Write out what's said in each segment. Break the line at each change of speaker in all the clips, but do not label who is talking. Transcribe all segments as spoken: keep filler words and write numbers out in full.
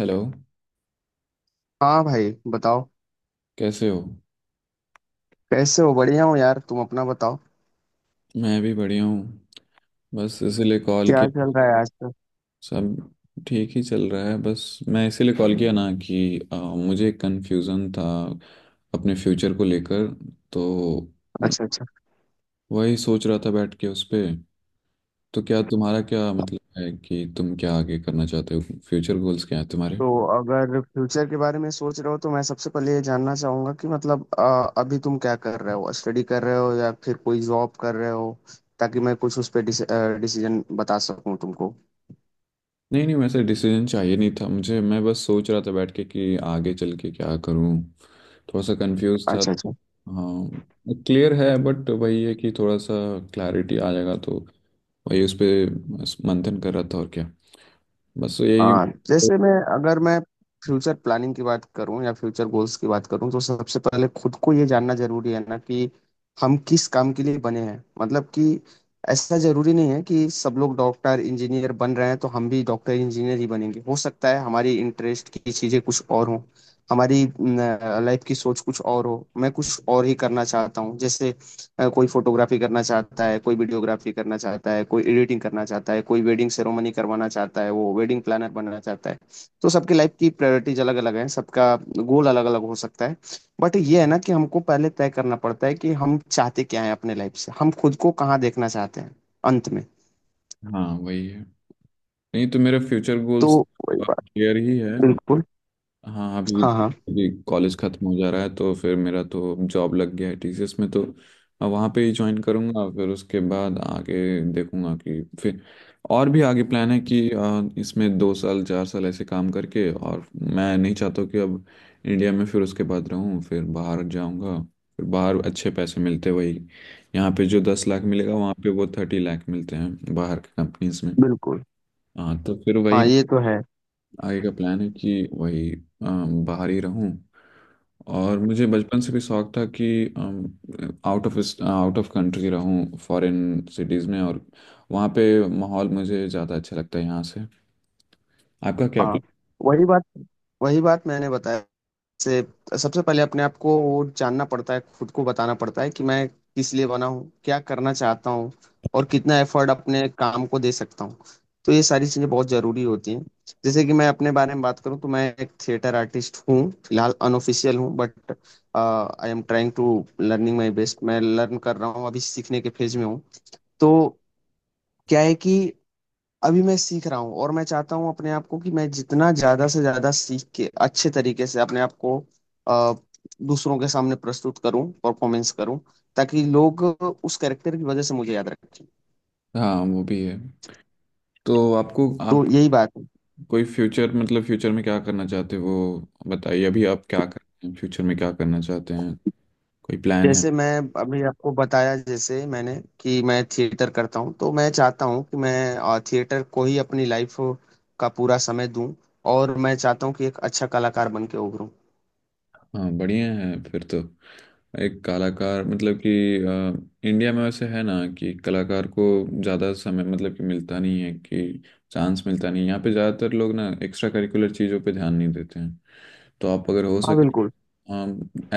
Hello.
हाँ भाई बताओ।
कैसे हो।
कैसे हो? बढ़िया हो यार? तुम अपना बताओ।
मैं भी बढ़िया हूँ। बस इसीलिए कॉल
क्या
किया।
चल रहा है आजकल?
सब ठीक ही चल रहा है। बस मैं इसीलिए कॉल किया ना कि आ, मुझे कंफ्यूजन था अपने फ्यूचर को लेकर। तो
अच्छा अच्छा।
वही सोच रहा था बैठ के उस पे। तो क्या तुम्हारा, क्या मतलब है कि तुम क्या आगे करना चाहते हो। फ्यूचर गोल्स क्या है तुम्हारे।
तो अगर फ्यूचर के बारे में सोच रहे हो तो मैं सबसे पहले ये जानना चाहूंगा कि मतलब, अ, अभी तुम क्या कर रहे हो, स्टडी कर रहे हो या फिर कोई जॉब कर रहे हो, ताकि मैं कुछ उस पर डिसीजन बता सकूं तुमको।
नहीं नहीं, वैसे डिसीजन चाहिए नहीं था मुझे। मैं बस सोच रहा था बैठ के कि आगे चल के क्या करूं। थोड़ा सा कंफ्यूज था,
अच्छा अच्छा।
हाँ। क्लियर है बट वही है कि थोड़ा सा क्लैरिटी आ जाएगा तो। वही उस पे मंथन कर रहा था। और क्या, बस यही।
हाँ, जैसे मैं अगर मैं फ्यूचर प्लानिंग की बात करूं या फ्यूचर गोल्स की बात करूं तो सबसे पहले खुद को ये जानना जरूरी है ना कि हम किस काम के लिए बने हैं, मतलब कि ऐसा जरूरी नहीं है कि सब लोग डॉक्टर इंजीनियर बन रहे हैं तो हम भी डॉक्टर इंजीनियर ही बनेंगे। हो सकता है हमारी इंटरेस्ट की चीजें कुछ और हों, हमारी लाइफ की सोच कुछ और हो। मैं कुछ और ही करना चाहता हूँ। जैसे अ, कोई फोटोग्राफी करना चाहता है, कोई वीडियोग्राफी करना चाहता है, कोई एडिटिंग करना चाहता है, कोई वेडिंग सेरेमनी करवाना चाहता है, वो वेडिंग प्लानर बनना चाहता है। तो सबकी लाइफ की प्रायोरिटीज अलग अलग है, सबका गोल अलग अलग हो सकता है। बट ये है ना कि हमको पहले तय करना पड़ता है कि हम चाहते क्या है अपने लाइफ से, हम खुद को कहाँ देखना चाहते हैं अंत में।
हाँ, वही है। नहीं तो मेरे फ्यूचर
तो
गोल्स
वही बात।
क्लियर ही है।
बिल्कुल।
हाँ, अभी।
हाँ हाँ।
अभी कॉलेज खत्म हो जा रहा है तो फिर मेरा तो जॉब लग गया है टीसीएस में, तो अब वहाँ पे ही ज्वाइन करूँगा। फिर उसके बाद आगे देखूँगा कि फिर। और भी आगे प्लान है कि अ, इसमें दो साल चार साल ऐसे काम करके, और मैं नहीं चाहता कि अब इंडिया में फिर उसके बाद रहूँ। फिर बाहर जाऊँगा। फिर बाहर अच्छे पैसे मिलते, वही। यहाँ पे जो दस लाख मिलेगा वहाँ पे वो थर्टी लाख मिलते हैं बाहर की कंपनीज में।
बिल्कुल।
हाँ, तो फिर वही
हाँ ये तो है।
आगे का प्लान है कि वही अम, बाहर ही रहूं। और मुझे बचपन से भी शौक था कि out of out of country रहूं, फॉरेन सिटीज़ में। और वहाँ पे माहौल मुझे ज़्यादा अच्छा लगता है यहाँ से। आपका क्या
हाँ
प्लान।
वही बात, वही बात मैंने बताया। से सबसे पहले अपने आप को वो जानना पड़ता है, खुद को बताना पड़ता है कि मैं किस लिए बना हूँ, क्या करना चाहता हूँ, और कितना एफर्ट अपने काम को दे सकता हूँ। तो ये सारी चीज़ें बहुत ज़रूरी होती हैं। जैसे कि मैं अपने बारे में बात करूँ तो मैं एक थिएटर आर्टिस्ट हूँ। फिलहाल अनऑफिशियल हूँ, but I am trying to learning my best. मैं लर्न कर रहा हूँ, अभी सीखने के फेज में हूँ। तो क्या है कि अभी मैं सीख रहा हूँ और मैं चाहता हूँ अपने आप को कि मैं जितना ज्यादा से ज्यादा सीख के अच्छे तरीके से अपने आप को अ, दूसरों के सामने प्रस्तुत करूँ, परफॉर्मेंस करूँ, ताकि लोग उस कैरेक्टर की वजह से मुझे याद रखें।
हाँ, वो भी है। तो आपको
तो
आप
यही बात है।
कोई फ्यूचर मतलब फ्यूचर में क्या करना चाहते हो वो बताइए। अभी आप क्या कर रहे हैं, फ्यूचर में क्या करना चाहते हैं, कोई प्लान है।
जैसे मैं अभी आपको बताया जैसे मैंने कि मैं थिएटर करता हूँ, तो मैं चाहता हूँ कि मैं अ, थिएटर को ही अपनी लाइफ का पूरा समय दूं, और मैं चाहता हूँ कि एक अच्छा कलाकार बन के उभरूँ।
हाँ बढ़िया है फिर तो। एक कलाकार मतलब कि अ, इंडिया में वैसे है ना, कि कलाकार को ज़्यादा समय मतलब कि मिलता नहीं है, कि चांस मिलता नहीं है यहाँ पे। ज़्यादातर लोग ना एक्स्ट्रा करिकुलर चीज़ों पे ध्यान नहीं देते हैं। तो आप अगर हो
हाँ
सके।
बिल्कुल।
हाँ।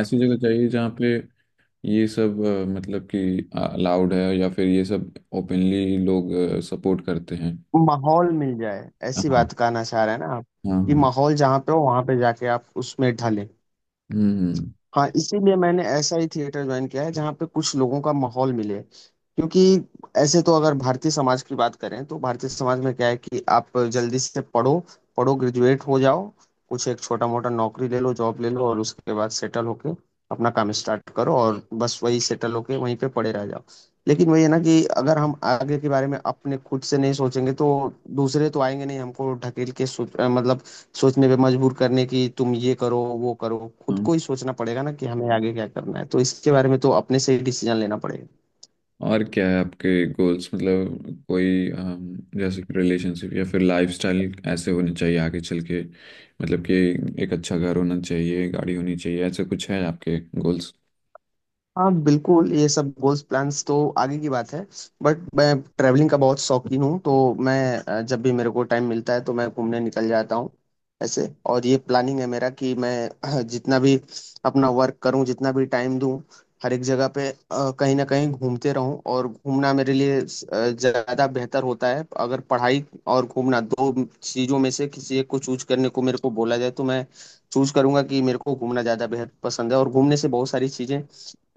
ऐसी जगह चाहिए जहाँ पे ये सब अ, मतलब कि अलाउड है, या फिर ये सब ओपनली लोग सपोर्ट करते हैं।
माहौल मिल जाए,
हाँ
ऐसी
हाँ।
बात कहना चाह रहे हैं ना आप? कि
हाँ।
माहौल जहाँ पे हो वहां पे जाके आप उसमें ढले।
हम्म।
हाँ, इसीलिए मैंने ऐसा ही थिएटर ज्वाइन किया है जहाँ पे कुछ लोगों का माहौल मिले। क्योंकि ऐसे तो अगर भारतीय समाज की बात करें तो भारतीय समाज में क्या है कि आप जल्दी से पढ़ो, पढ़ो, ग्रेजुएट हो जाओ, कुछ एक छोटा मोटा नौकरी ले लो, जॉब ले लो, और उसके बाद सेटल होके अपना काम स्टार्ट करो, और बस वही सेटल होके वहीं पे पड़े रह जाओ। लेकिन वही है ना कि अगर हम आगे के बारे में अपने खुद से नहीं सोचेंगे तो दूसरे तो आएंगे नहीं हमको ढकेल के सोच अ, मतलब सोचने पे मजबूर करने की, तुम ये करो, वो करो। खुद
हम्म।
को ही सोचना पड़ेगा ना कि हमें आगे क्या करना है, तो इसके बारे में तो अपने से ही डिसीजन लेना पड़ेगा।
और क्या है आपके गोल्स, मतलब कोई अम, जैसे कि रिलेशनशिप या फिर लाइफस्टाइल ऐसे होने चाहिए आगे चल के, मतलब कि एक अच्छा घर होना चाहिए, गाड़ी होनी चाहिए, ऐसे कुछ है आपके गोल्स।
हाँ बिल्कुल, ये सब गोल्स प्लान्स तो आगे की बात है। बट मैं ट्रैवलिंग का बहुत शौकीन हूँ, तो मैं अ, जब भी मेरे को टाइम मिलता है तो मैं घूमने निकल जाता हूँ ऐसे। और ये प्लानिंग है मेरा कि मैं अ, जितना भी अपना वर्क करूँ, जितना भी टाइम दूँ, हर एक जगह पे अ, कहीं ना कहीं घूमते रहूँ। और घूमना मेरे लिए अ, ज़्यादा बेहतर होता है। अगर पढ़ाई और घूमना दो चीज़ों में से किसी एक को चूज करने को मेरे को बोला जाए तो मैं चूज करूंगा कि मेरे को घूमना ज़्यादा बेहद पसंद है। और घूमने से बहुत सारी चीज़ें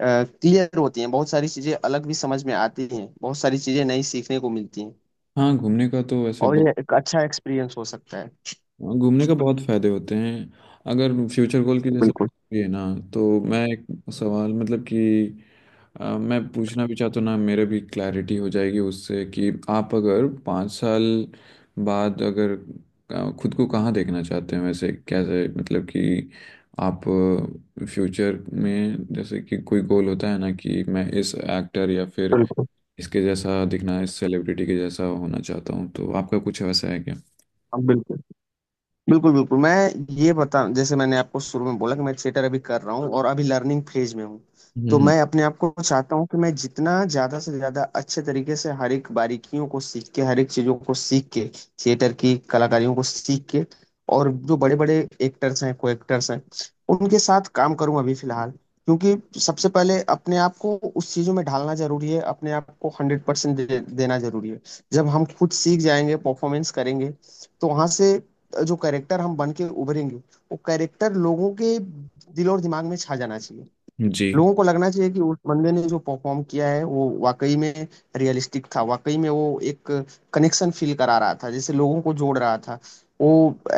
क्लियर होती हैं, बहुत सारी चीजें अलग भी समझ में आती हैं, बहुत सारी चीजें नई सीखने को मिलती हैं,
हाँ, घूमने का तो वैसे।
और ये एक अच्छा एक्सपीरियंस हो सकता है।
हाँ, घूमने का बहुत फायदे होते हैं। अगर फ्यूचर गोल की जैसे
बिल्कुल
ये ना, तो मैं एक सवाल मतलब कि अ, मैं पूछना भी चाहता हूँ ना, मेरे भी क्लैरिटी हो जाएगी उससे, कि आप अगर पाँच साल बाद अगर अ, खुद को कहाँ देखना चाहते हैं वैसे, कैसे मतलब कि आप फ्यूचर में जैसे कि कोई गोल होता है ना, कि मैं इस एक्टर या फिर
बिल्कुल।
इसके जैसा दिखना, इस सेलिब्रिटी के जैसा होना चाहता हूँ, तो आपका कुछ वैसा है क्या।
हाँ, बिल्कुल बिल्कुल बिल्कुल। मैं ये बता जैसे मैंने आपको शुरू में बोला कि मैं थिएटर अभी कर रहा हूँ और अभी लर्निंग फेज में हूँ। तो
हम्म।
मैं अपने आप को चाहता हूँ कि मैं जितना ज्यादा से ज्यादा अच्छे तरीके से हर एक बारीकियों को सीख के, हर एक चीजों को सीख के, थिएटर की कलाकारियों को सीख के, और जो बड़े बड़े एक्टर्स हैं को एक्टर्स हैं उनके साथ काम करूँ अभी फिलहाल। क्योंकि सबसे पहले अपने आप को उस चीजों में ढालना जरूरी है, अपने आप को हंड्रेड परसेंट दे, देना जरूरी है। जब हम खुद सीख जाएंगे, परफॉर्मेंस करेंगे, तो वहां से जो कैरेक्टर हम बन के उभरेंगे, वो कैरेक्टर लोगों के दिल और दिमाग में छा जाना चाहिए।
जी।
लोगों को लगना चाहिए कि उस बंदे ने जो परफॉर्म किया है वो वाकई में रियलिस्टिक था, वाकई में वो एक कनेक्शन फील करा रहा था, जैसे लोगों को जोड़ रहा था वो,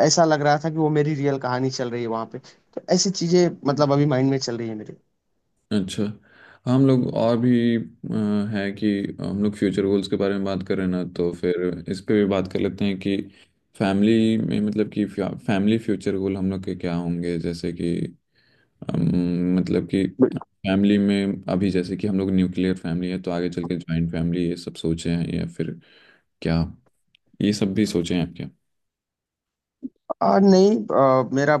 ऐसा लग रहा था कि वो मेरी रियल कहानी चल रही है वहां पे। तो ऐसी चीजें मतलब अभी माइंड में चल रही है मेरे।
अच्छा। हम लोग और भी अ, है कि हम लोग फ्यूचर गोल्स के बारे में बात कर रहे हैं ना, तो फिर इस पे भी बात कर लेते हैं कि फैमिली में मतलब कि फैमिली फ्यूचर गोल हम लोग के क्या होंगे, जैसे कि अम, मतलब कि फैमिली में अभी जैसे कि हम लोग न्यूक्लियर फैमिली है, तो आगे चल के ज्वाइंट फैमिली ये सब सोचे हैं, या फिर क्या, ये सब भी सोचे हैं आप क्या।
आ, नहीं। आ, मेरा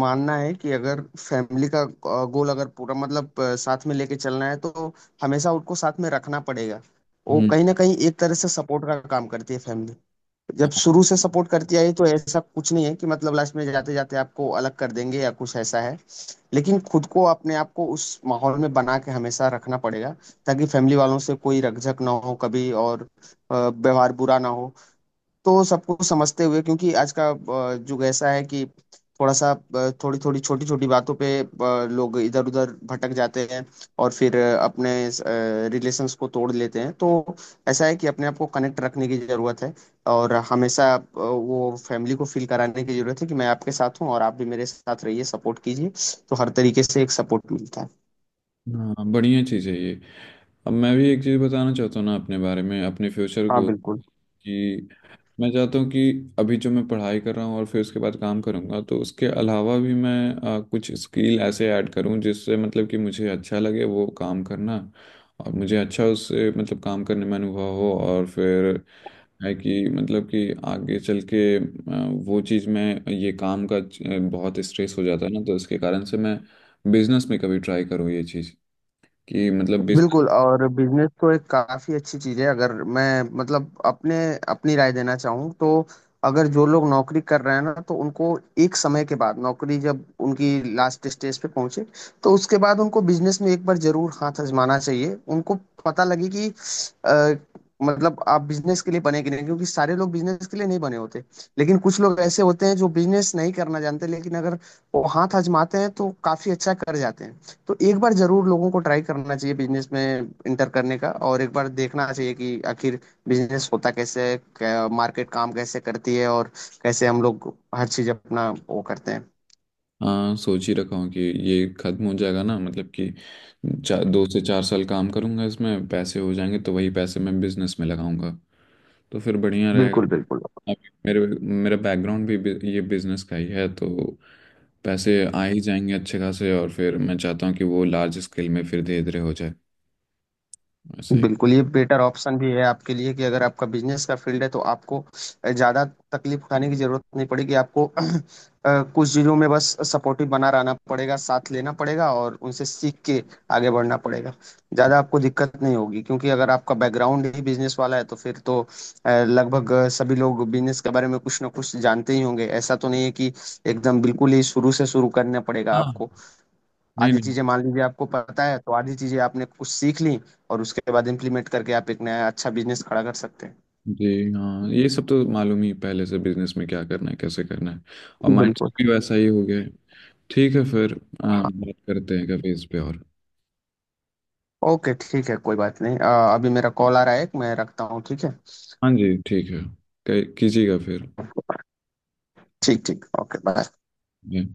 मानना है कि अगर फैमिली का आ, गोल अगर पूरा मतलब आ, साथ में लेके चलना है तो हमेशा उनको साथ में रखना पड़ेगा। वो
हम्म।
कहीं ना कहीं एक तरह से सपोर्ट का काम करती है फैमिली। जब शुरू से सपोर्ट करती आई तो ऐसा कुछ नहीं है कि मतलब लास्ट में जाते जाते आपको अलग कर देंगे या कुछ ऐसा है। लेकिन खुद को अपने आप को उस माहौल में बना के हमेशा रखना पड़ेगा, ताकि फैमिली वालों से कोई रकझक ना हो कभी, और आ, व्यवहार बुरा ना हो। तो सबको समझते हुए, क्योंकि आज का अ, युग ऐसा है कि थोड़ा सा, थोड़ी थोड़ी छोटी छोटी बातों पे अ, लोग इधर उधर भटक जाते हैं और फिर अ, अपने रिलेशंस को तोड़ लेते हैं। तो ऐसा है कि अपने आप को कनेक्ट रखने की जरूरत है, और हमेशा अ, वो फैमिली को फील कराने की जरूरत है कि मैं आपके साथ हूँ और आप भी मेरे साथ रहिए, सपोर्ट कीजिए। तो हर तरीके से एक सपोर्ट मिलता है।
हाँ बढ़िया चीज़ है ये। अब मैं भी एक चीज़ बताना चाहता हूँ ना, अपने बारे में, अपने फ्यूचर
हाँ
को
बिल्कुल।
कि मैं चाहता हूँ कि अभी जो मैं पढ़ाई कर रहा हूँ और फिर उसके बाद काम करूँगा, तो उसके अलावा भी मैं अ, कुछ स्किल ऐसे ऐड करूँ जिससे मतलब कि मुझे अच्छा लगे वो काम करना, और मुझे अच्छा उससे मतलब काम करने में अनुभव हो। और फिर है कि मतलब कि आगे चल के अ, वो चीज़ में ये काम का अ, बहुत स्ट्रेस हो जाता है ना, तो इसके कारण से मैं बिजनेस में कभी ट्राई करूँ ये चीज़, कि मतलब बिजनेस।
बिल्कुल और बिजनेस तो एक काफी अच्छी चीज है। अगर मैं मतलब अपने अपनी राय देना चाहूँ तो, अगर जो लोग नौकरी कर रहे हैं ना तो उनको एक समय के बाद, नौकरी जब उनकी लास्ट स्टेज पे पहुंचे, तो उसके बाद उनको बिजनेस में एक बार जरूर हाथ आजमाना चाहिए। उनको पता लगे कि अ, मतलब आप बिजनेस के लिए बने कि नहीं। क्योंकि सारे लोग बिजनेस के लिए नहीं बने होते, लेकिन कुछ लोग ऐसे होते हैं जो बिजनेस नहीं करना जानते, लेकिन अगर वो हाथ आजमाते हैं तो काफी अच्छा कर जाते हैं। तो एक बार जरूर लोगों को ट्राई करना चाहिए बिजनेस में इंटर करने का, और एक बार देखना चाहिए कि आखिर बिजनेस होता कैसे है, क्या- मार्केट काम कैसे करती है, और कैसे हम लोग हर चीज अपना वो करते हैं।
हाँ सोच ही रखा हूँ कि ये खत्म हो जाएगा ना मतलब कि चार दो से चार साल काम करूंगा, इसमें पैसे हो जाएंगे तो वही पैसे मैं बिजनेस में लगाऊंगा, तो फिर बढ़िया रहेगा।
बिल्कुल बिल्कुल।
अब मेरे मेरा बैकग्राउंड भी बि- ये बिजनेस का ही है, तो पैसे आ ही जाएंगे अच्छे खासे, और फिर मैं चाहता हूँ कि वो लार्ज स्केल में फिर धीरे धीरे हो जाए। ऐसा ही।
बिल्कुल ये बेटर ऑप्शन भी है आपके लिए कि अगर आपका बिजनेस का फील्ड है तो आपको ज़्यादा तकलीफ उठाने की ज़रूरत नहीं पड़ेगी। आपको अ, कुछ चीज़ों में बस सपोर्टिव बना रहना पड़ेगा, साथ लेना पड़ेगा, और उनसे सीख के आगे बढ़ना पड़ेगा। ज़्यादा आपको दिक्कत नहीं होगी, क्योंकि अगर आपका बैकग्राउंड ही बिजनेस वाला है तो फिर तो अ, लगभग सभी लोग बिजनेस के बारे में कुछ ना कुछ जानते ही होंगे। ऐसा तो नहीं है कि एकदम बिल्कुल ही शुरू से शुरू करना पड़ेगा
हाँ।
आपको।
नहीं
आधी
नहीं।
चीजें मान लीजिए आपको पता है, तो आधी चीजें आपने कुछ सीख ली, और उसके बाद इम्प्लीमेंट करके आप एक नया अच्छा बिजनेस खड़ा कर सकते
जी हाँ, ये सब तो मालूम ही पहले से बिजनेस में क्या करना है, कैसे करना है। और
हैं।
माइंड
बिल्कुल।
भी वैसा ही हो गया है। ठीक है फिर अ,
हाँ,
बात करते हैं कभी इस पे और।
ओके ठीक है, कोई बात नहीं। अ, अभी मेरा कॉल आ रहा है, मैं रखता हूँ, ठीक है?
हाँ जी, ठीक है। कह- कीजिएगा फिर।
ठीक ठीक, ओके बाय।
जी।